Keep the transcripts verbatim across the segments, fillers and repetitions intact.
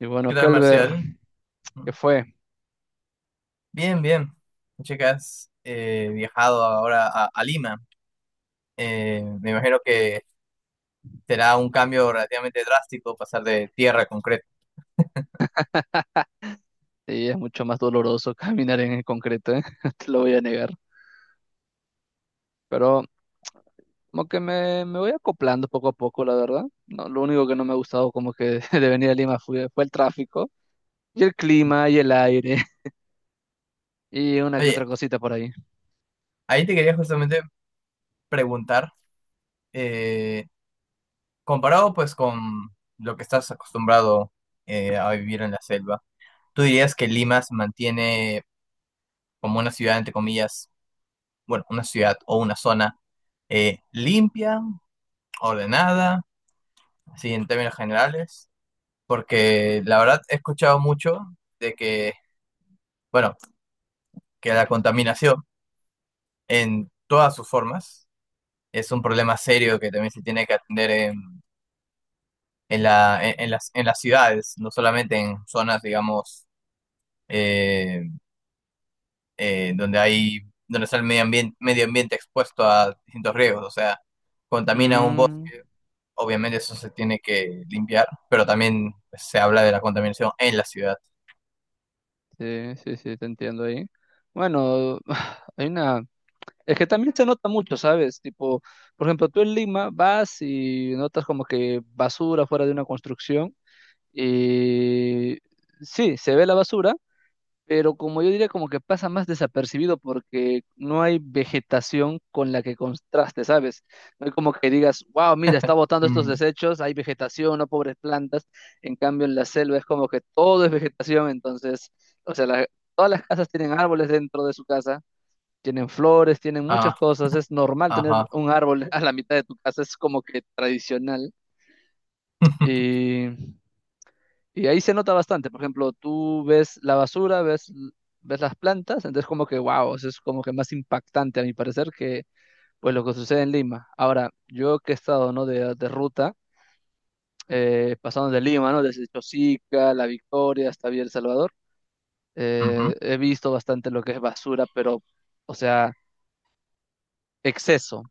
Y bueno, ¿Qué tal, Calver, Marcial? ¿que fue? Bien, bien. Che, que has eh, viajado ahora a, a Lima. Eh, me imagino que será un cambio relativamente drástico pasar de tierra a concreto. Sí, es mucho más doloroso caminar en el concreto, ¿eh? No te lo voy a negar. Pero como que me, me voy acoplando poco a poco, la verdad. No, lo único que no me ha gustado como que de venir a Lima fue, fue el tráfico y el clima y el aire y una que otra Oye, cosita por ahí. ahí te quería justamente preguntar, eh, comparado pues con lo que estás acostumbrado eh, a vivir en la selva, ¿tú dirías que Lima se mantiene como una ciudad, entre comillas, bueno, una ciudad o una zona eh, limpia, ordenada, así en términos generales? Porque la verdad he escuchado mucho de que, bueno, que la contaminación en todas sus formas es un problema serio que también se tiene que atender en, en la, en, en las, en las ciudades, no solamente en zonas, digamos, eh, eh, donde hay, donde está el medio ambiente, medio ambiente expuesto a distintos riesgos, o sea, contamina un Mm, bosque, obviamente eso se tiene que limpiar, pero también se habla de la contaminación en la ciudad. sí, sí, sí, te entiendo ahí. Bueno, hay una... Es que también se nota mucho, ¿sabes? Tipo, por ejemplo, tú en Lima vas y notas como que basura fuera de una construcción. Y sí, se ve la basura, pero como yo diría, como que pasa más desapercibido porque no hay vegetación con la que contraste, ¿sabes? No hay como que digas, wow, mira, está botando estos Mm, desechos, hay vegetación, no pobres plantas. En cambio, en la selva es como que todo es vegetación, entonces, o sea, la- todas las casas tienen árboles dentro de su casa. Tienen flores, tienen muchas ah, cosas. Es normal tener ajá. un árbol a la mitad de tu casa, es como que tradicional. Y ahí se nota bastante. Por ejemplo, tú ves la basura, ves, ves las plantas, entonces como que, wow, eso es como que más impactante a mi parecer que pues lo que sucede en Lima. Ahora, yo que he estado, ¿no? De, de ruta, eh, pasando de Lima, ¿no? Desde Chosica, La Victoria hasta Villa El Salvador, Ujú. eh, he visto bastante lo que es basura, pero, o sea, exceso,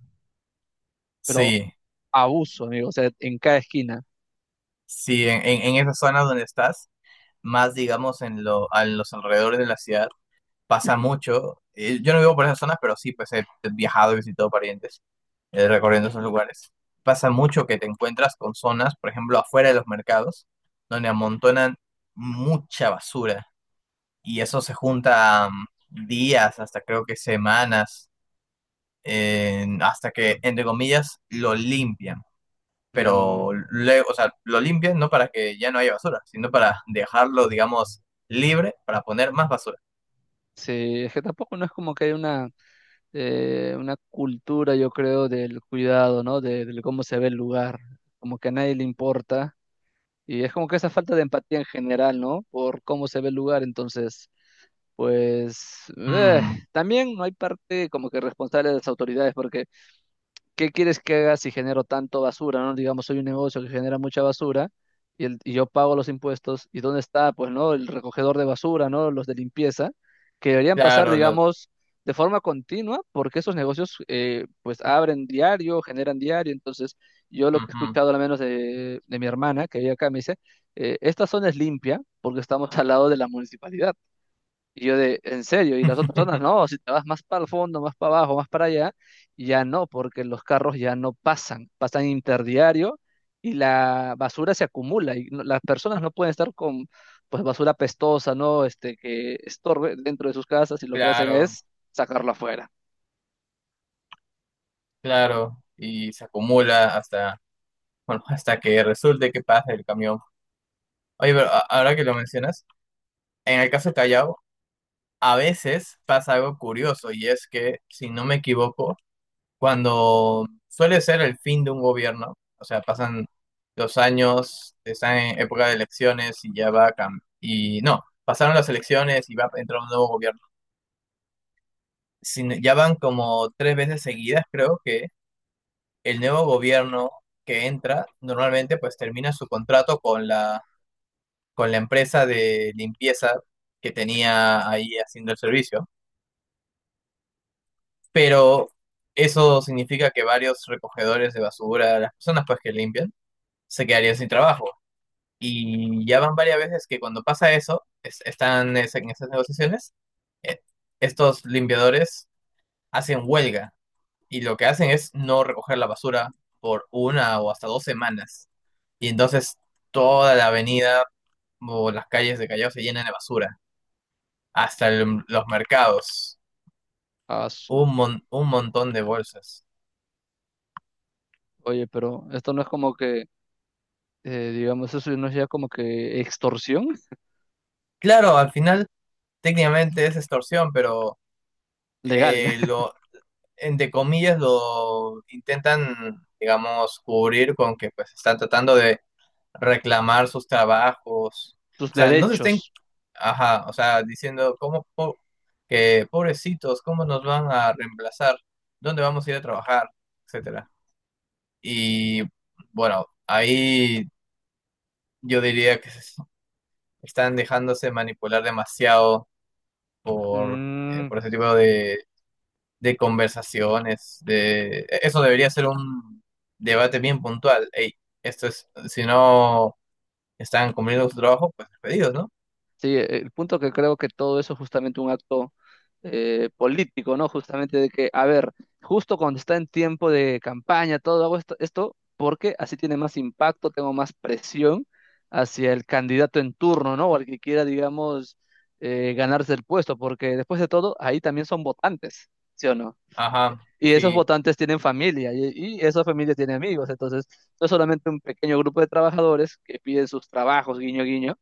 pero Sí. abuso, amigo, o sea, en cada esquina. Sí, en, en, en esa zona donde estás, más digamos en lo, a los alrededores de la ciudad, pasa mucho. Eh, yo no vivo por esas zonas, pero sí, pues he viajado y visitado parientes eh, recorriendo esos lugares. Pasa mucho que te encuentras con zonas, por ejemplo, afuera de los mercados, donde amontonan mucha basura y eso se junta mm, días, hasta creo que semanas, en- hasta que, entre comillas, lo limpian, Mm, pero luego, o sea, lo limpian no para que ya no haya basura, sino para dejarlo, digamos, libre para poner más basura. sí, es que tampoco no es como que hay una eh, una cultura, yo creo, del cuidado, ¿no? De, de cómo se ve el lugar, como que a nadie le importa. Y es como que esa falta de empatía en general, ¿no? Por cómo se ve el lugar, entonces, pues, eh, Mm, también no hay parte como que responsable de las autoridades, porque ¿qué quieres que haga si genero tanto basura, ¿no? Digamos, soy un negocio que genera mucha basura y, el- y yo pago los impuestos. ¿Y dónde está, pues, no? El recogedor de basura, ¿no? Los de limpieza, que deberían pasar, claro, lo- digamos, de forma continua, porque esos negocios, eh, pues, abren diario, generan diario. Entonces, yo lo que he ujú. escuchado, al menos de, de mi hermana, que vive acá, me dice, eh, esta zona es limpia porque estamos al lado de la municipalidad. Y yo de, en serio, y las otras personas, no, si te vas más para el fondo, más para abajo, más para allá, ya no, porque los carros ya no pasan, pasan interdiario y la basura se acumula y no- las personas no pueden estar con pues basura pestosa, ¿no? Este, que estorbe dentro de sus casas y lo que hacen Claro, es sacarla afuera. claro, y se acumula hasta, bueno, hasta que resulte que pasa el camión. Oye, pero a- ahora que lo mencionas, en el caso de Callao, a veces pasa algo curioso y es que, si no me equivoco, cuando suele ser el fin de un gobierno, o sea, pasan los años, están en época de elecciones y ya va a cambiar. Y no, pasaron las elecciones y va a entrar un nuevo gobierno. Sin- ya van como tres veces seguidas, creo que el nuevo gobierno que entra normalmente pues termina su contrato con la, con la empresa de limpieza que tenía ahí haciendo el servicio. Pero eso significa que varios recogedores de basura, las personas pues que limpian, se quedarían sin trabajo. Y ya van varias veces que cuando pasa eso, es- están es- en esas negociaciones, eh, estos limpiadores hacen huelga y lo que hacen es no recoger la basura por una o hasta dos semanas. Y entonces toda la avenida o las calles de Callao se llenan de basura, hasta el- los mercados, Ah, su- un, mon- un montón de bolsas. Oye, pero esto no es como que, eh, digamos, eso no es ya como que extorsión Claro, al final técnicamente es extorsión, pero legal, eh, lo entre comillas, lo intentan, digamos, cubrir con que pues están tratando de reclamar sus trabajos. tus O sea, no se estén, derechos. ajá, o sea, diciendo cómo po- que pobrecitos, cómo nos van a reemplazar, dónde vamos a ir a trabajar, etcétera. Y bueno, ahí yo diría que se están dejándose manipular demasiado por, eh, Mm, por ese tipo de de conversaciones, de e, eso debería ser un debate bien puntual. Ey, esto es, si no están cumpliendo su trabajo, pues despedidos, ¿no? sí, eh, el punto que creo que todo eso es justamente un acto eh, político, ¿no? Justamente de que, a ver, justo cuando está en tiempo de campaña, todo hago esto, esto porque así tiene más impacto, tengo más presión hacia el candidato en turno, ¿no? O al que quiera, digamos, eh, ganarse el puesto, porque después de todo, ahí también son votantes, ¿sí o no? Ajá, Y esos sí. votantes tienen familia y, y esa familia tiene amigos. Entonces, no es solamente un pequeño grupo de trabajadores que piden sus trabajos, guiño, guiño,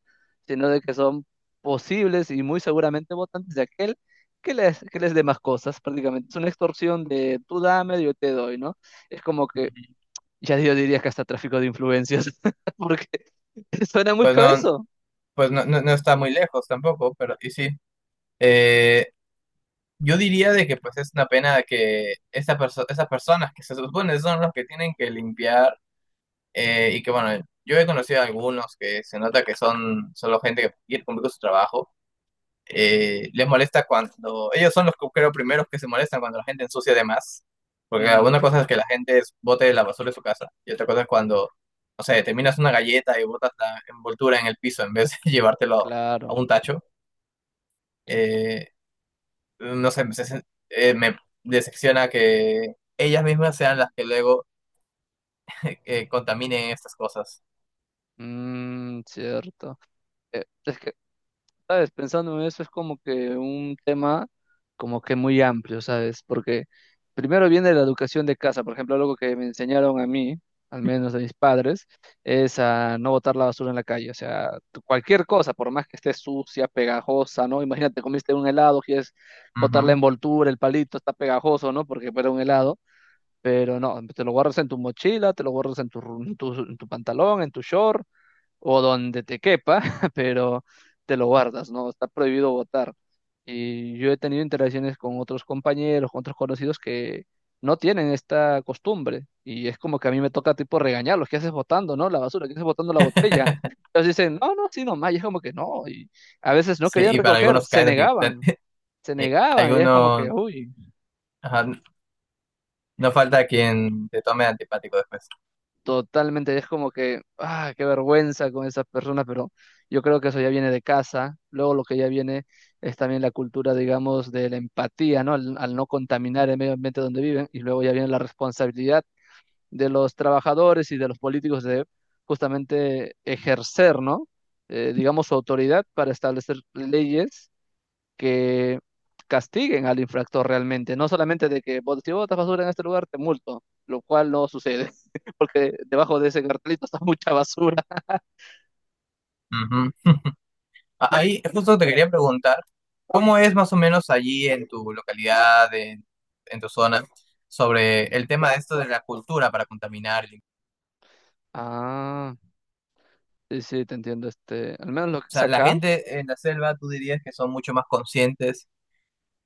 sino de que son posibles y muy seguramente votantes de aquel que les, que les dé más cosas, prácticamente. Es una extorsión de tú dame, yo te doy, ¿no? Es como que, ya yo diría que hasta tráfico de influencias, porque suena Pues mucho a no, eso. pues no, no, no está muy lejos tampoco, pero y sí. Eh, yo diría de que pues es una pena que esta perso- esas personas que se supone son los que tienen que limpiar, eh, y que bueno, yo he conocido a algunos que se nota que son solo gente que quiere cumplir con su trabajo. Eh, les molesta cuando, ellos son los que creo primeros que se molestan cuando la gente ensucia de más, porque una Mm, cosa es que la gente es- bote la basura de su casa y otra cosa es cuando, no sé, terminas una galleta y botas la envoltura en el piso en vez de llevártelo a claro. un tacho. Eh, no sé, me, se- eh, me decepciona que ellas mismas sean las que luego eh, eh, contaminen estas cosas. Mm, cierto. Eh, es que ¿sabes? Pensando en eso es como que un tema como que muy amplio, ¿sabes? Porque primero viene la educación de casa, por ejemplo, algo que me enseñaron a mí, al menos a mis padres, es a no botar la basura en la calle, o sea, tu- cualquier cosa, por más que esté sucia, pegajosa, ¿no? Imagínate, comiste un helado, quieres botar la Ujú. envoltura, el palito, está pegajoso, ¿no? Porque era un helado, pero no, te lo guardas en tu mochila, te lo guardas en tu, ru- en tu, en tu pantalón, en tu short o donde te quepa, pero te lo guardas, ¿no? Está prohibido votar. Y yo he tenido interacciones con otros compañeros, con otros conocidos que no tienen esta costumbre. Y es como que a mí me toca tipo regañarlos, ¿qué haces botando no? La basura, ¿qué haces botando la botella? Entonces dicen, no, no, sí, nomás. Y es como que no. Y a veces no Sí, querían y para recoger, algunos se caes anti- negaban, se eh, negaban. Y es como que, algunos, uy. ajá, no falta quien te tome antipático después. Totalmente, es como que, ah, qué vergüenza con esas personas, pero yo creo que eso ya viene de casa. Luego lo que ya viene es también la cultura, digamos, de la empatía, ¿no? Al, al no contaminar el medio ambiente donde viven. Y luego ya viene la responsabilidad de los trabajadores y de los políticos de justamente ejercer, ¿no? Eh, digamos, su autoridad para establecer leyes que castiguen al infractor realmente, no solamente de que "Bot- si botas basura en este lugar te multo", lo cual no sucede, porque debajo de ese cartelito está mucha basura. Ujú. A- Ahí justo te quería preguntar, ¿cómo es más o menos allí en tu localidad, en, en tu zona, sobre el tema de esto de la cultura para contaminar? Ah, sí, sí, te entiendo, este, al menos lo que O es sea, la acá. gente en la selva, tú dirías que son mucho más conscientes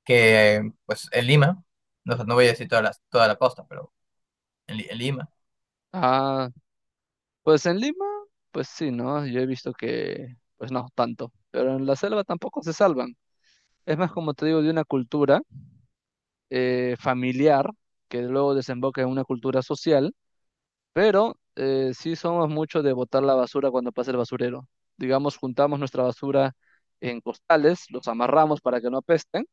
que, pues, en Lima. No, sé, no voy a decir toda la, toda la costa, pero en, Li- en Lima. Ah, pues en Lima, pues sí, ¿no? Yo he visto que, pues no, tanto, pero en la selva tampoco se salvan. Es más, como te digo, de una cultura eh, familiar que luego desemboca en una cultura social. Pero eh, sí somos muchos de botar la basura cuando pasa el basurero. Digamos, juntamos nuestra basura en costales, los amarramos para que no apesten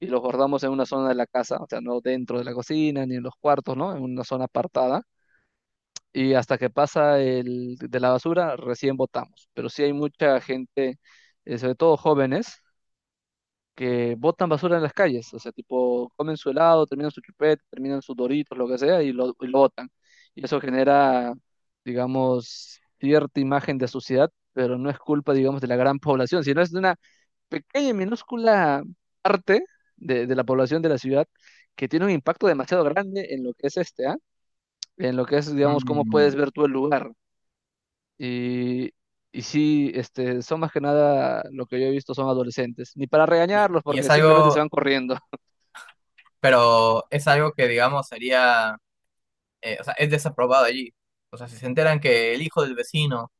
y los guardamos en una zona de la casa, o sea, no dentro de la cocina ni en los cuartos, ¿no? En una zona apartada. Y hasta que pasa el de la basura, recién botamos. Pero sí hay mucha gente, eh, sobre todo jóvenes, que botan basura en las calles, o sea, tipo, comen su helado, terminan su chupete, terminan sus doritos, lo que sea, y lo, y lo botan. Y eso genera, digamos, cierta imagen de suciedad, pero no es culpa, digamos, de la gran población, sino es de una pequeña y minúscula parte de, de la población de la ciudad que tiene un impacto demasiado grande en lo que es este, ¿ah? En lo que es, digamos, cómo Mm. puedes ver tú el lugar. Y, y sí, este, son más que nada lo que yo he visto son adolescentes. Ni para Y, regañarlos, y porque es simplemente se van algo, corriendo. pero es algo que, digamos, sería, eh, o sea, es desaprobado allí. O sea, si se enteran que el hijo del vecino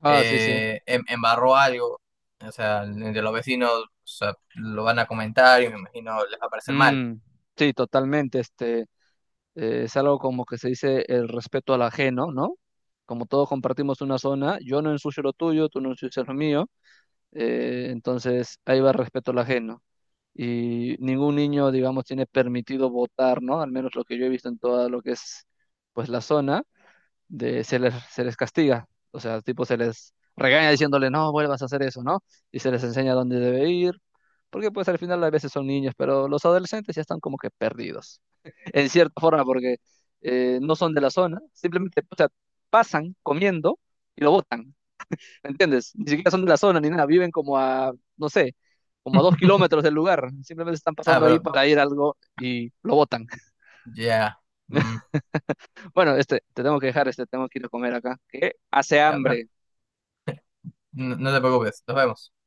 Ah, sí, sí. eh, em- embarró algo, o sea, de los vecinos, o sea, lo van a comentar y me imagino les va a parecer mal. Mm, sí, totalmente. Este, eh, es algo como que se dice el respeto al ajeno, ¿no? ¿No? Como todos compartimos una zona, yo no ensucio lo tuyo, tú no ensucias lo mío, eh, entonces ahí va el respeto al ajeno. Y ningún niño, digamos, tiene permitido votar, ¿no? Al menos lo que yo he visto en toda lo que es, pues, la zona. de se les, se les castiga, o sea, tipo se les regaña diciéndole, no vuelvas a hacer eso, ¿no? Y se les enseña dónde debe ir, porque pues al final a veces son niños, pero los adolescentes ya están como que perdidos, en cierta forma, porque eh, no son de la zona, simplemente o sea, pasan comiendo y lo botan, ¿me entiendes? Ni siquiera son de la zona ni nada, viven como a, no sé, como a dos kilómetros del lugar, simplemente están Ah, pasando ahí pero para ir a algo y lo botan. ya, mm, Bueno, este, te tengo que dejar, este, tengo que ir a comer acá, que hace ya me- hambre. no, no te preocupes, nos vemos.